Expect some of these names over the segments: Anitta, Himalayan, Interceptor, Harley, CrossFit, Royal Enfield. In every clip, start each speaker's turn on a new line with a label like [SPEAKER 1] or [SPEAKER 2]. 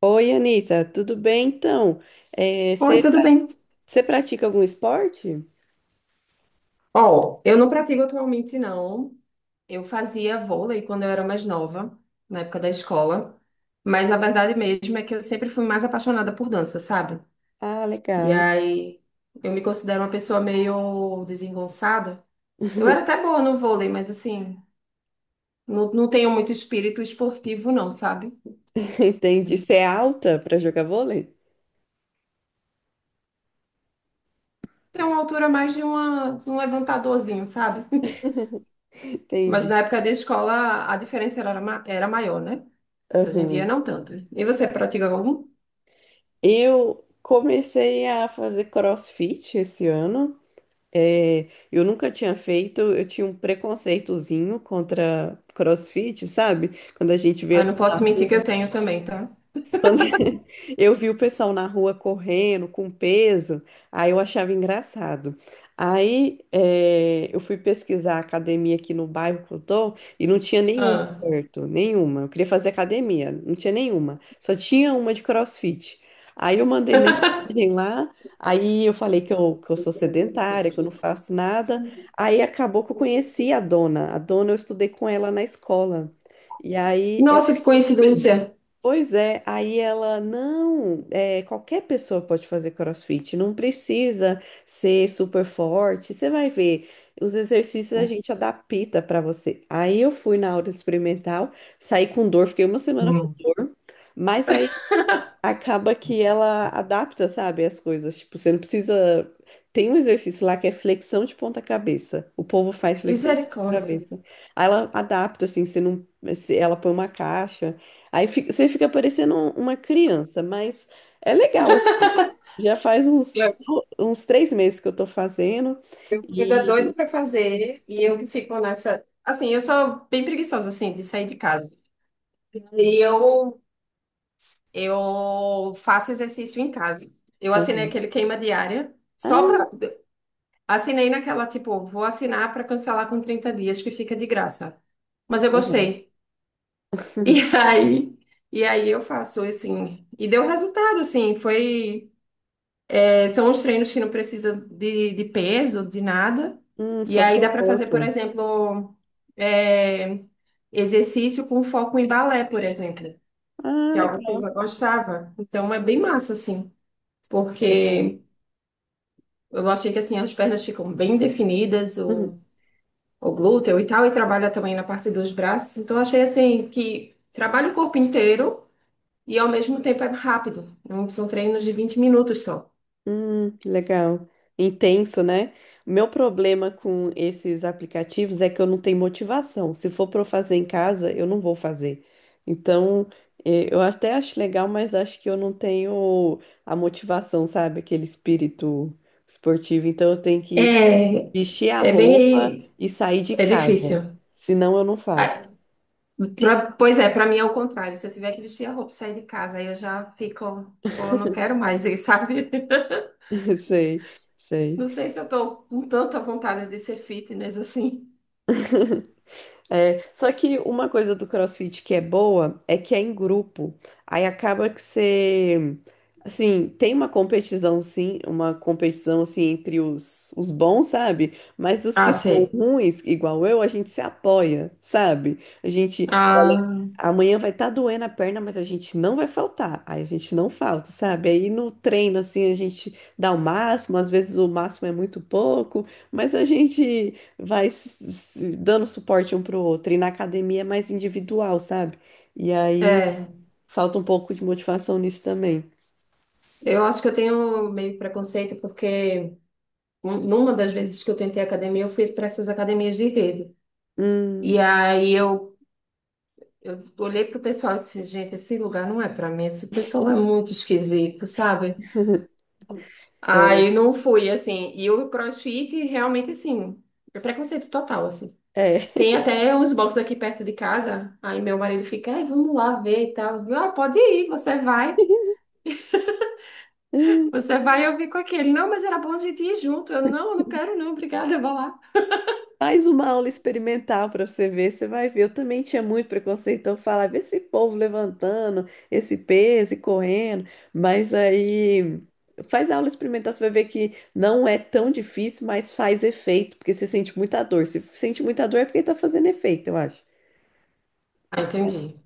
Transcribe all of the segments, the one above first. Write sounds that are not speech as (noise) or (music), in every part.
[SPEAKER 1] Oi, Anitta, tudo bem então? É,
[SPEAKER 2] Oi,
[SPEAKER 1] você
[SPEAKER 2] tudo bem?
[SPEAKER 1] pratica algum esporte?
[SPEAKER 2] Ó, eu não pratico atualmente, não. Eu fazia vôlei quando eu era mais nova, na época da escola. Mas a verdade mesmo é que eu sempre fui mais apaixonada por dança, sabe?
[SPEAKER 1] Ah,
[SPEAKER 2] E
[SPEAKER 1] legal.
[SPEAKER 2] aí eu me considero uma pessoa meio desengonçada. Eu era
[SPEAKER 1] (laughs)
[SPEAKER 2] até boa no vôlei, mas assim, não tenho muito espírito esportivo, não, sabe?
[SPEAKER 1] Entendi. Você é alta para jogar vôlei?
[SPEAKER 2] Tenho uma altura mais de uma, um levantadorzinho, sabe? (laughs) Mas
[SPEAKER 1] Entendi.
[SPEAKER 2] na época da escola a diferença era, era maior, né? Hoje em dia
[SPEAKER 1] Aham.
[SPEAKER 2] não tanto. E você pratica algum?
[SPEAKER 1] Eu comecei a fazer CrossFit esse ano. É, eu nunca tinha feito, eu tinha um preconceitozinho contra CrossFit, sabe? Quando a gente vê
[SPEAKER 2] Ah, não
[SPEAKER 1] assim,
[SPEAKER 2] posso mentir que eu tenho também, tá?
[SPEAKER 1] Quando (laughs) eu vi o pessoal na rua correndo com peso, aí eu achava engraçado. Aí eu fui pesquisar a academia aqui no bairro que eu tô e não tinha nenhuma
[SPEAKER 2] Ah.
[SPEAKER 1] perto, nenhuma. Eu queria fazer academia, não tinha nenhuma. Só tinha uma de CrossFit. Aí eu mandei mensagem lá, aí eu falei que eu sou sedentária, que eu não faço nada. Aí acabou que eu conheci a dona. A dona eu estudei com ela na escola. E aí
[SPEAKER 2] Nossa, que coincidência.
[SPEAKER 1] pois é, aí ela, não, é, qualquer pessoa pode fazer CrossFit, não precisa ser super forte, você vai ver, os exercícios a gente adapta para você. Aí eu fui na aula experimental, saí com dor, fiquei uma semana com
[SPEAKER 2] Hum.
[SPEAKER 1] dor, mas aí acaba que ela adapta, sabe, as coisas. Tipo, você não precisa. Tem um exercício lá que é flexão de ponta cabeça. O povo faz flexão de ponta
[SPEAKER 2] Misericórdia.
[SPEAKER 1] cabeça. Aí ela adapta, assim, você não. Ela põe uma caixa. Aí você fica parecendo uma criança, mas é legal. Assim. Já faz uns,
[SPEAKER 2] Eu,
[SPEAKER 1] uns três meses que eu tô fazendo.
[SPEAKER 2] meu marido é
[SPEAKER 1] E.
[SPEAKER 2] doido pra fazer e eu que fico nessa. Assim, eu sou bem preguiçosa, assim, de sair de casa. E eu faço exercício em casa. Eu assinei
[SPEAKER 1] Aham.
[SPEAKER 2] aquele queima diária, só
[SPEAKER 1] Ah,
[SPEAKER 2] pra. Assinei naquela, tipo, vou assinar pra cancelar com 30 dias, que fica de graça. Mas eu
[SPEAKER 1] aham.
[SPEAKER 2] gostei.
[SPEAKER 1] (laughs)
[SPEAKER 2] E (laughs) aí, e aí eu faço, assim. E deu resultado, assim. Foi. É, são os treinos que não precisam de peso, de nada. E
[SPEAKER 1] Só
[SPEAKER 2] aí
[SPEAKER 1] seu
[SPEAKER 2] dá para fazer, por
[SPEAKER 1] corpo.
[SPEAKER 2] exemplo, é, exercício com foco em balé, por exemplo,
[SPEAKER 1] Ah,
[SPEAKER 2] que é algo que
[SPEAKER 1] legal.
[SPEAKER 2] eu gostava. Então é bem massa, assim,
[SPEAKER 1] Legal.
[SPEAKER 2] porque eu achei que assim, as pernas ficam bem definidas,
[SPEAKER 1] Uhum.
[SPEAKER 2] o glúteo e tal, e trabalha também na parte dos braços. Então eu achei assim que trabalha o corpo inteiro e ao mesmo tempo é rápido. Não são treinos de 20 minutos só.
[SPEAKER 1] Legal. Intenso, né? Meu problema com esses aplicativos é que eu não tenho motivação. Se for para eu fazer em casa, eu não vou fazer. Então, eu até acho legal, mas acho que eu não tenho a motivação, sabe? Aquele espírito esportivo. Então, eu tenho que
[SPEAKER 2] É,
[SPEAKER 1] vestir a
[SPEAKER 2] é
[SPEAKER 1] roupa
[SPEAKER 2] bem,
[SPEAKER 1] e sair de
[SPEAKER 2] é
[SPEAKER 1] casa.
[SPEAKER 2] difícil.
[SPEAKER 1] Senão, eu não faço.
[SPEAKER 2] Ah, pois é, pra mim é o contrário. Se eu tiver que vestir a roupa e sair de casa, aí eu já fico, pô, não quero mais, e sabe? (laughs)
[SPEAKER 1] (laughs) Sei, sei.
[SPEAKER 2] Não sei se eu tô com tanta vontade de ser fitness assim.
[SPEAKER 1] É, só que uma coisa do CrossFit que é boa é que é em grupo. Aí acaba que você, assim, tem uma competição sim, uma competição assim entre os bons, sabe? Mas os
[SPEAKER 2] Ah,
[SPEAKER 1] que são
[SPEAKER 2] sei.
[SPEAKER 1] ruins, igual eu, a gente se apoia, sabe? A gente, olha,
[SPEAKER 2] Ah,
[SPEAKER 1] amanhã vai estar doendo a perna, mas a gente não vai faltar. Aí a gente não falta, sabe? Aí no treino assim a gente dá o máximo, às vezes o máximo é muito pouco, mas a gente vai se dando suporte um pro outro. E na academia é mais individual, sabe? E aí
[SPEAKER 2] é.
[SPEAKER 1] falta um pouco de motivação nisso também.
[SPEAKER 2] Eu acho que eu tenho meio preconceito porque numa das vezes que eu tentei academia, eu fui para essas academias de rede. E
[SPEAKER 1] Hum,
[SPEAKER 2] aí eu olhei pro pessoal e disse, gente, esse lugar não é para mim, esse pessoal é muito esquisito, sabe? Aí não fui, assim. E o CrossFit, realmente, assim, é preconceito total, assim.
[SPEAKER 1] é.
[SPEAKER 2] Tem até uns boxes aqui perto de casa. Aí meu marido fica, "Ai, vamos lá ver e tal." Eu, Ah, pode ir, você vai.
[SPEAKER 1] (laughs) Hum,
[SPEAKER 2] Você vai, eu fico aqui. Ele, não, mas era bom a gente ir junto. Eu não quero não, obrigada, vá lá.
[SPEAKER 1] faz uma aula experimental para você ver, você vai ver. Eu também tinha muito preconceito, então eu falava, "Vê esse povo levantando, esse peso e correndo, mas aí faz a aula experimental, você vai ver que não é tão difícil, mas faz efeito, porque você sente muita dor. Se sente muita dor é porque tá fazendo efeito, eu acho.
[SPEAKER 2] Ah, entendi.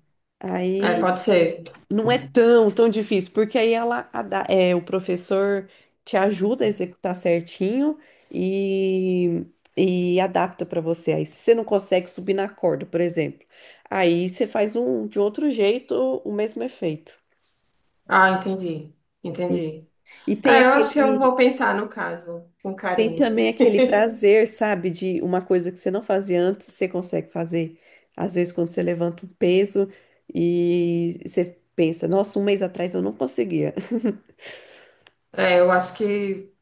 [SPEAKER 2] É,
[SPEAKER 1] Aí
[SPEAKER 2] pode ser.
[SPEAKER 1] não é tão difícil, porque aí ela, a é, o professor te ajuda a executar certinho e, e adapta para você. Aí, se você não consegue subir na corda, por exemplo, aí você faz um de outro jeito o mesmo efeito.
[SPEAKER 2] Ah, entendi. Entendi.
[SPEAKER 1] E, tem
[SPEAKER 2] É, eu acho
[SPEAKER 1] aquele,
[SPEAKER 2] que eu vou pensar no caso, com
[SPEAKER 1] tem
[SPEAKER 2] carinho.
[SPEAKER 1] também aquele
[SPEAKER 2] (laughs)
[SPEAKER 1] prazer, sabe, de uma coisa que você não fazia antes, você consegue fazer. Às vezes, quando você levanta um peso e você pensa, nossa, um mês atrás eu não conseguia.
[SPEAKER 2] É, eu acho que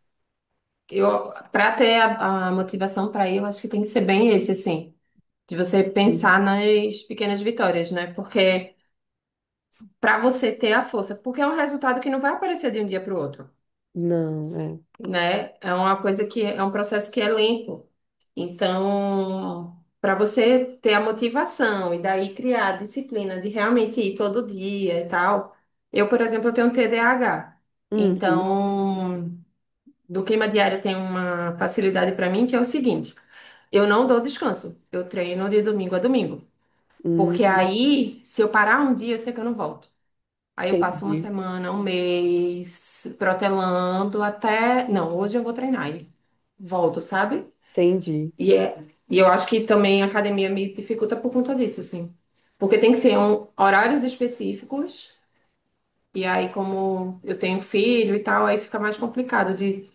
[SPEAKER 2] eu, para ter a motivação para ir, eu acho que tem que ser bem esse, assim. De você pensar
[SPEAKER 1] (laughs)
[SPEAKER 2] nas pequenas vitórias, né? Porque para você ter a força, porque é um resultado que não vai aparecer de um dia para o outro,
[SPEAKER 1] Não, é.
[SPEAKER 2] né? É uma coisa que é um processo que é lento. Então, para você ter a motivação e daí criar a disciplina de realmente ir todo dia e tal. Eu, por exemplo, eu tenho um TDAH.
[SPEAKER 1] Uhum.
[SPEAKER 2] Então, do queima diária tem uma facilidade para mim que é o seguinte: eu não dou descanso. Eu treino de domingo a domingo.
[SPEAKER 1] Hum,
[SPEAKER 2] Porque aí, se eu parar um dia, eu sei que eu não volto. Aí eu passo uma
[SPEAKER 1] entendi,
[SPEAKER 2] semana, um mês, protelando até. Não, hoje eu vou treinar e volto, sabe?
[SPEAKER 1] entendi.
[SPEAKER 2] E, é... e eu acho que também a academia me dificulta por conta disso, assim. Porque tem que ser um... horários específicos. E aí, como eu tenho filho e tal, aí fica mais complicado de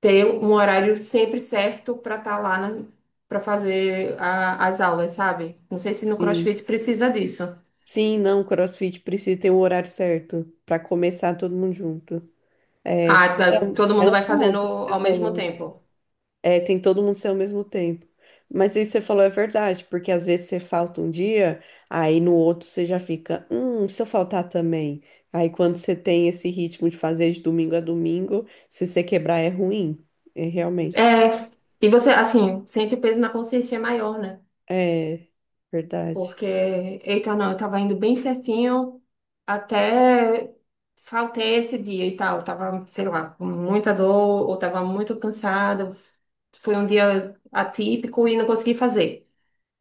[SPEAKER 2] ter um horário sempre certo para estar lá na... para fazer as aulas, sabe? Não sei se no
[SPEAKER 1] Sim.
[SPEAKER 2] CrossFit precisa disso.
[SPEAKER 1] Sim, não, CrossFit precisa ter um horário certo para começar todo mundo junto. É,
[SPEAKER 2] Ah, tá- todo
[SPEAKER 1] é
[SPEAKER 2] mundo
[SPEAKER 1] um
[SPEAKER 2] vai fazendo
[SPEAKER 1] ponto que você
[SPEAKER 2] ao mesmo
[SPEAKER 1] falou.
[SPEAKER 2] tempo.
[SPEAKER 1] É, tem todo mundo ser ao mesmo tempo. Mas isso que você falou é verdade, porque às vezes você falta um dia, aí no outro você já fica, se eu faltar também. Aí quando você tem esse ritmo de fazer de domingo a domingo, se você quebrar é ruim, é
[SPEAKER 2] É,
[SPEAKER 1] realmente.
[SPEAKER 2] e você, assim, sente o peso na consciência maior, né?
[SPEAKER 1] É verdade,
[SPEAKER 2] Porque, eita, não, eu tava indo bem certinho até faltei esse dia e tal. Tava, sei lá, com muita dor ou tava muito cansado. Foi um dia atípico e não consegui fazer.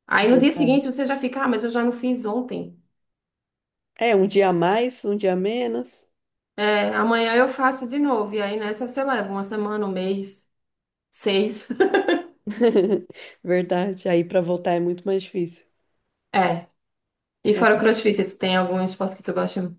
[SPEAKER 2] Aí no dia seguinte
[SPEAKER 1] verdade.
[SPEAKER 2] você já fica, ah, mas eu já não fiz ontem.
[SPEAKER 1] É um dia a mais, um dia a menos.
[SPEAKER 2] É, amanhã eu faço de novo. E aí nessa você leva uma semana, um mês, seis. (laughs)
[SPEAKER 1] (laughs) Verdade. Aí para voltar é muito mais difícil.
[SPEAKER 2] É. E
[SPEAKER 1] É.
[SPEAKER 2] fora o CrossFit, tu tem algum esporte que tu gosta?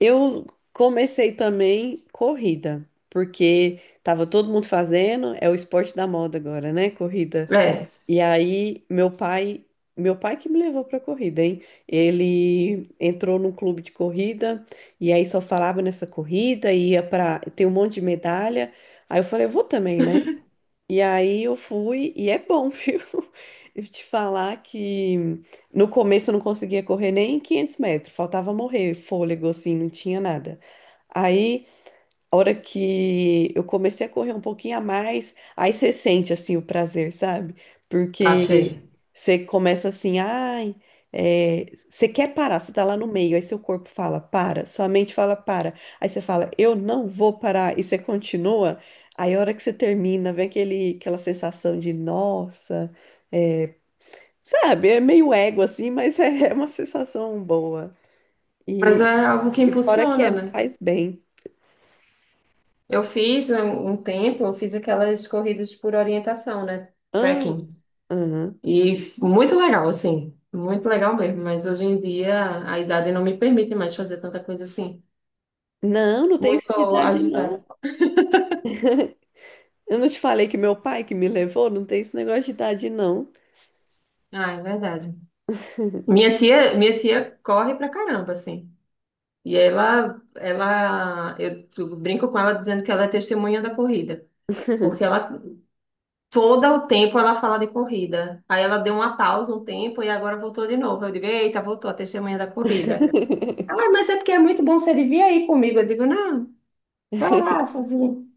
[SPEAKER 1] Eu comecei também corrida, porque tava todo mundo fazendo, é o esporte da moda agora, né? Corrida.
[SPEAKER 2] É,
[SPEAKER 1] E aí meu pai que me levou pra corrida, hein? Ele entrou num clube de corrida e aí só falava nessa corrida, ia pra. Tem um monte de medalha. Aí eu falei, eu vou também, né?
[SPEAKER 2] (laughs)
[SPEAKER 1] E aí eu fui, e é bom, (laughs) viu? Eu te falar que no começo eu não conseguia correr nem 500 metros, faltava morrer fôlego, assim, não tinha nada. Aí a hora que eu comecei a correr um pouquinho a mais, aí você sente assim o prazer, sabe?
[SPEAKER 2] ah,
[SPEAKER 1] Porque
[SPEAKER 2] sei.
[SPEAKER 1] você começa assim, ai, é, você quer parar, você tá lá no meio, aí seu corpo fala, para, sua mente fala, para. Aí você fala, eu não vou parar, e você continua. Aí a hora que você termina, vem aquele, aquela sensação de, nossa, é, sabe? É meio ego assim, mas é, (laughs) é uma sensação boa.
[SPEAKER 2] Mas
[SPEAKER 1] E,
[SPEAKER 2] é algo que
[SPEAKER 1] e fora que
[SPEAKER 2] impulsiona,
[SPEAKER 1] é,
[SPEAKER 2] né?
[SPEAKER 1] faz bem.
[SPEAKER 2] Eu fiz um tempo, eu fiz aquelas corridas por orientação, né?
[SPEAKER 1] Ah,
[SPEAKER 2] Trekking.
[SPEAKER 1] aham.
[SPEAKER 2] Muito legal, assim. Muito legal mesmo. Mas hoje em dia a idade não me permite mais fazer tanta coisa assim.
[SPEAKER 1] Não, não tem isso de
[SPEAKER 2] Muito
[SPEAKER 1] idade, não.
[SPEAKER 2] agitada.
[SPEAKER 1] Eu não te falei que meu pai que me levou, não tem esse negócio de idade, não.
[SPEAKER 2] Ah, é verdade. Minha tia corre pra caramba, assim. E eu brinco com ela dizendo que ela é testemunha da corrida, porque
[SPEAKER 1] (laughs)
[SPEAKER 2] ela todo o tempo ela fala de corrida. Aí ela deu uma pausa um tempo e agora voltou de novo. Eu digo, eita, voltou a testemunha da corrida. Ela, mas é porque é muito bom você vir aí comigo. Eu digo, não, vai lá, sozinho.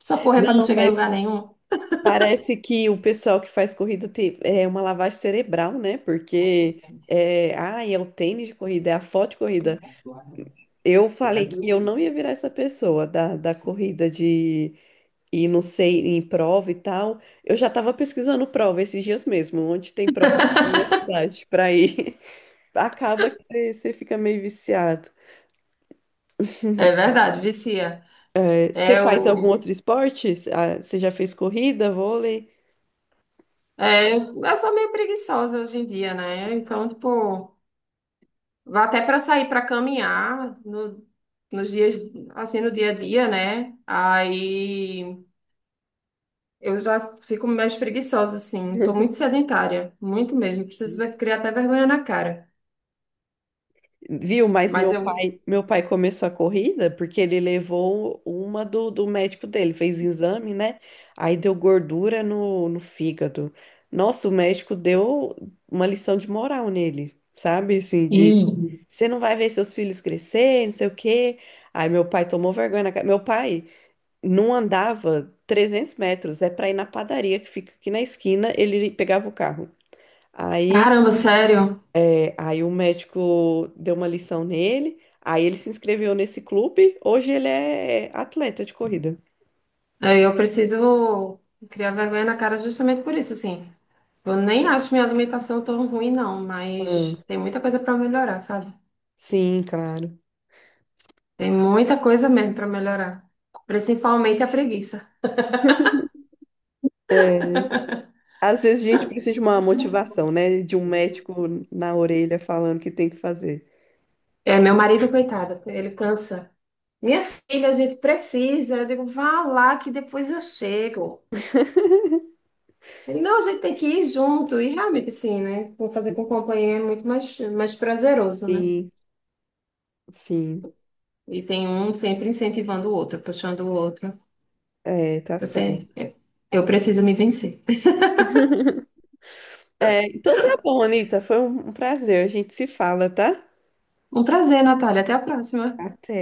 [SPEAKER 2] Só correr para não
[SPEAKER 1] Não,
[SPEAKER 2] chegar em
[SPEAKER 1] mas
[SPEAKER 2] lugar nenhum.
[SPEAKER 1] parece que o pessoal que faz corrida tem, é uma lavagem cerebral, né? Porque é, ah, é o tênis de corrida, é a foto de corrida. Eu falei que eu não ia virar essa pessoa da corrida de e não sei, em prova e tal. Eu já estava pesquisando prova esses dias mesmo, onde tem prova na minha cidade para ir. Acaba que você fica meio viciado.
[SPEAKER 2] É verdade, vicia.
[SPEAKER 1] É, você
[SPEAKER 2] É
[SPEAKER 1] faz algum
[SPEAKER 2] o.
[SPEAKER 1] outro esporte? Ah, você já fez corrida, vôlei?
[SPEAKER 2] É, eu sou meio preguiçosa hoje em dia, né? Então, tipo, vá até para sair para caminhar nos dias, assim, no dia a dia, né? Aí. Eu já fico mais preguiçosa, assim. Tô muito
[SPEAKER 1] (laughs)
[SPEAKER 2] sedentária, muito mesmo. Preciso criar até vergonha na cara.
[SPEAKER 1] Viu? Mas
[SPEAKER 2] Mas eu.
[SPEAKER 1] meu pai começou a corrida porque ele levou uma do médico dele, fez exame, né? Aí deu gordura no fígado. Nossa, o médico deu uma lição de moral nele, sabe? Assim,
[SPEAKER 2] E
[SPEAKER 1] de você não vai ver seus filhos crescer, não sei o quê. Aí meu pai tomou vergonha na cara. Meu pai não andava 300 metros, é para ir na padaria que fica aqui na esquina, ele pegava o carro. Aí,
[SPEAKER 2] caramba, sério.
[SPEAKER 1] aí o médico deu uma lição nele, aí ele se inscreveu nesse clube, hoje ele é atleta de corrida.
[SPEAKER 2] É, eu preciso criar vergonha na cara justamente por isso, assim. Eu nem acho minha alimentação tão ruim, não,
[SPEAKER 1] Ah,
[SPEAKER 2] mas tem muita coisa para melhorar, sabe?
[SPEAKER 1] sim, claro.
[SPEAKER 2] Tem muita coisa mesmo para melhorar. Principalmente a preguiça.
[SPEAKER 1] É, às vezes a gente precisa de uma motivação, né? De um médico na orelha falando que tem que fazer.
[SPEAKER 2] É, meu marido, coitado, ele cansa. Minha filha, a gente precisa. Eu digo, vá lá que depois eu chego.
[SPEAKER 1] (laughs)
[SPEAKER 2] Ele, não, a gente tem que ir junto, e realmente sim, né? Fazer com companhia é muito mais, mais prazeroso, né?
[SPEAKER 1] Sim, sim.
[SPEAKER 2] E tem um sempre incentivando o outro, puxando o outro.
[SPEAKER 1] É, tá
[SPEAKER 2] Eu tenho,
[SPEAKER 1] certo.
[SPEAKER 2] eu preciso me vencer.
[SPEAKER 1] É, então tá bom, Anitta. Foi um prazer. A gente se fala, tá?
[SPEAKER 2] Um prazer, Natália, até a próxima.
[SPEAKER 1] Até.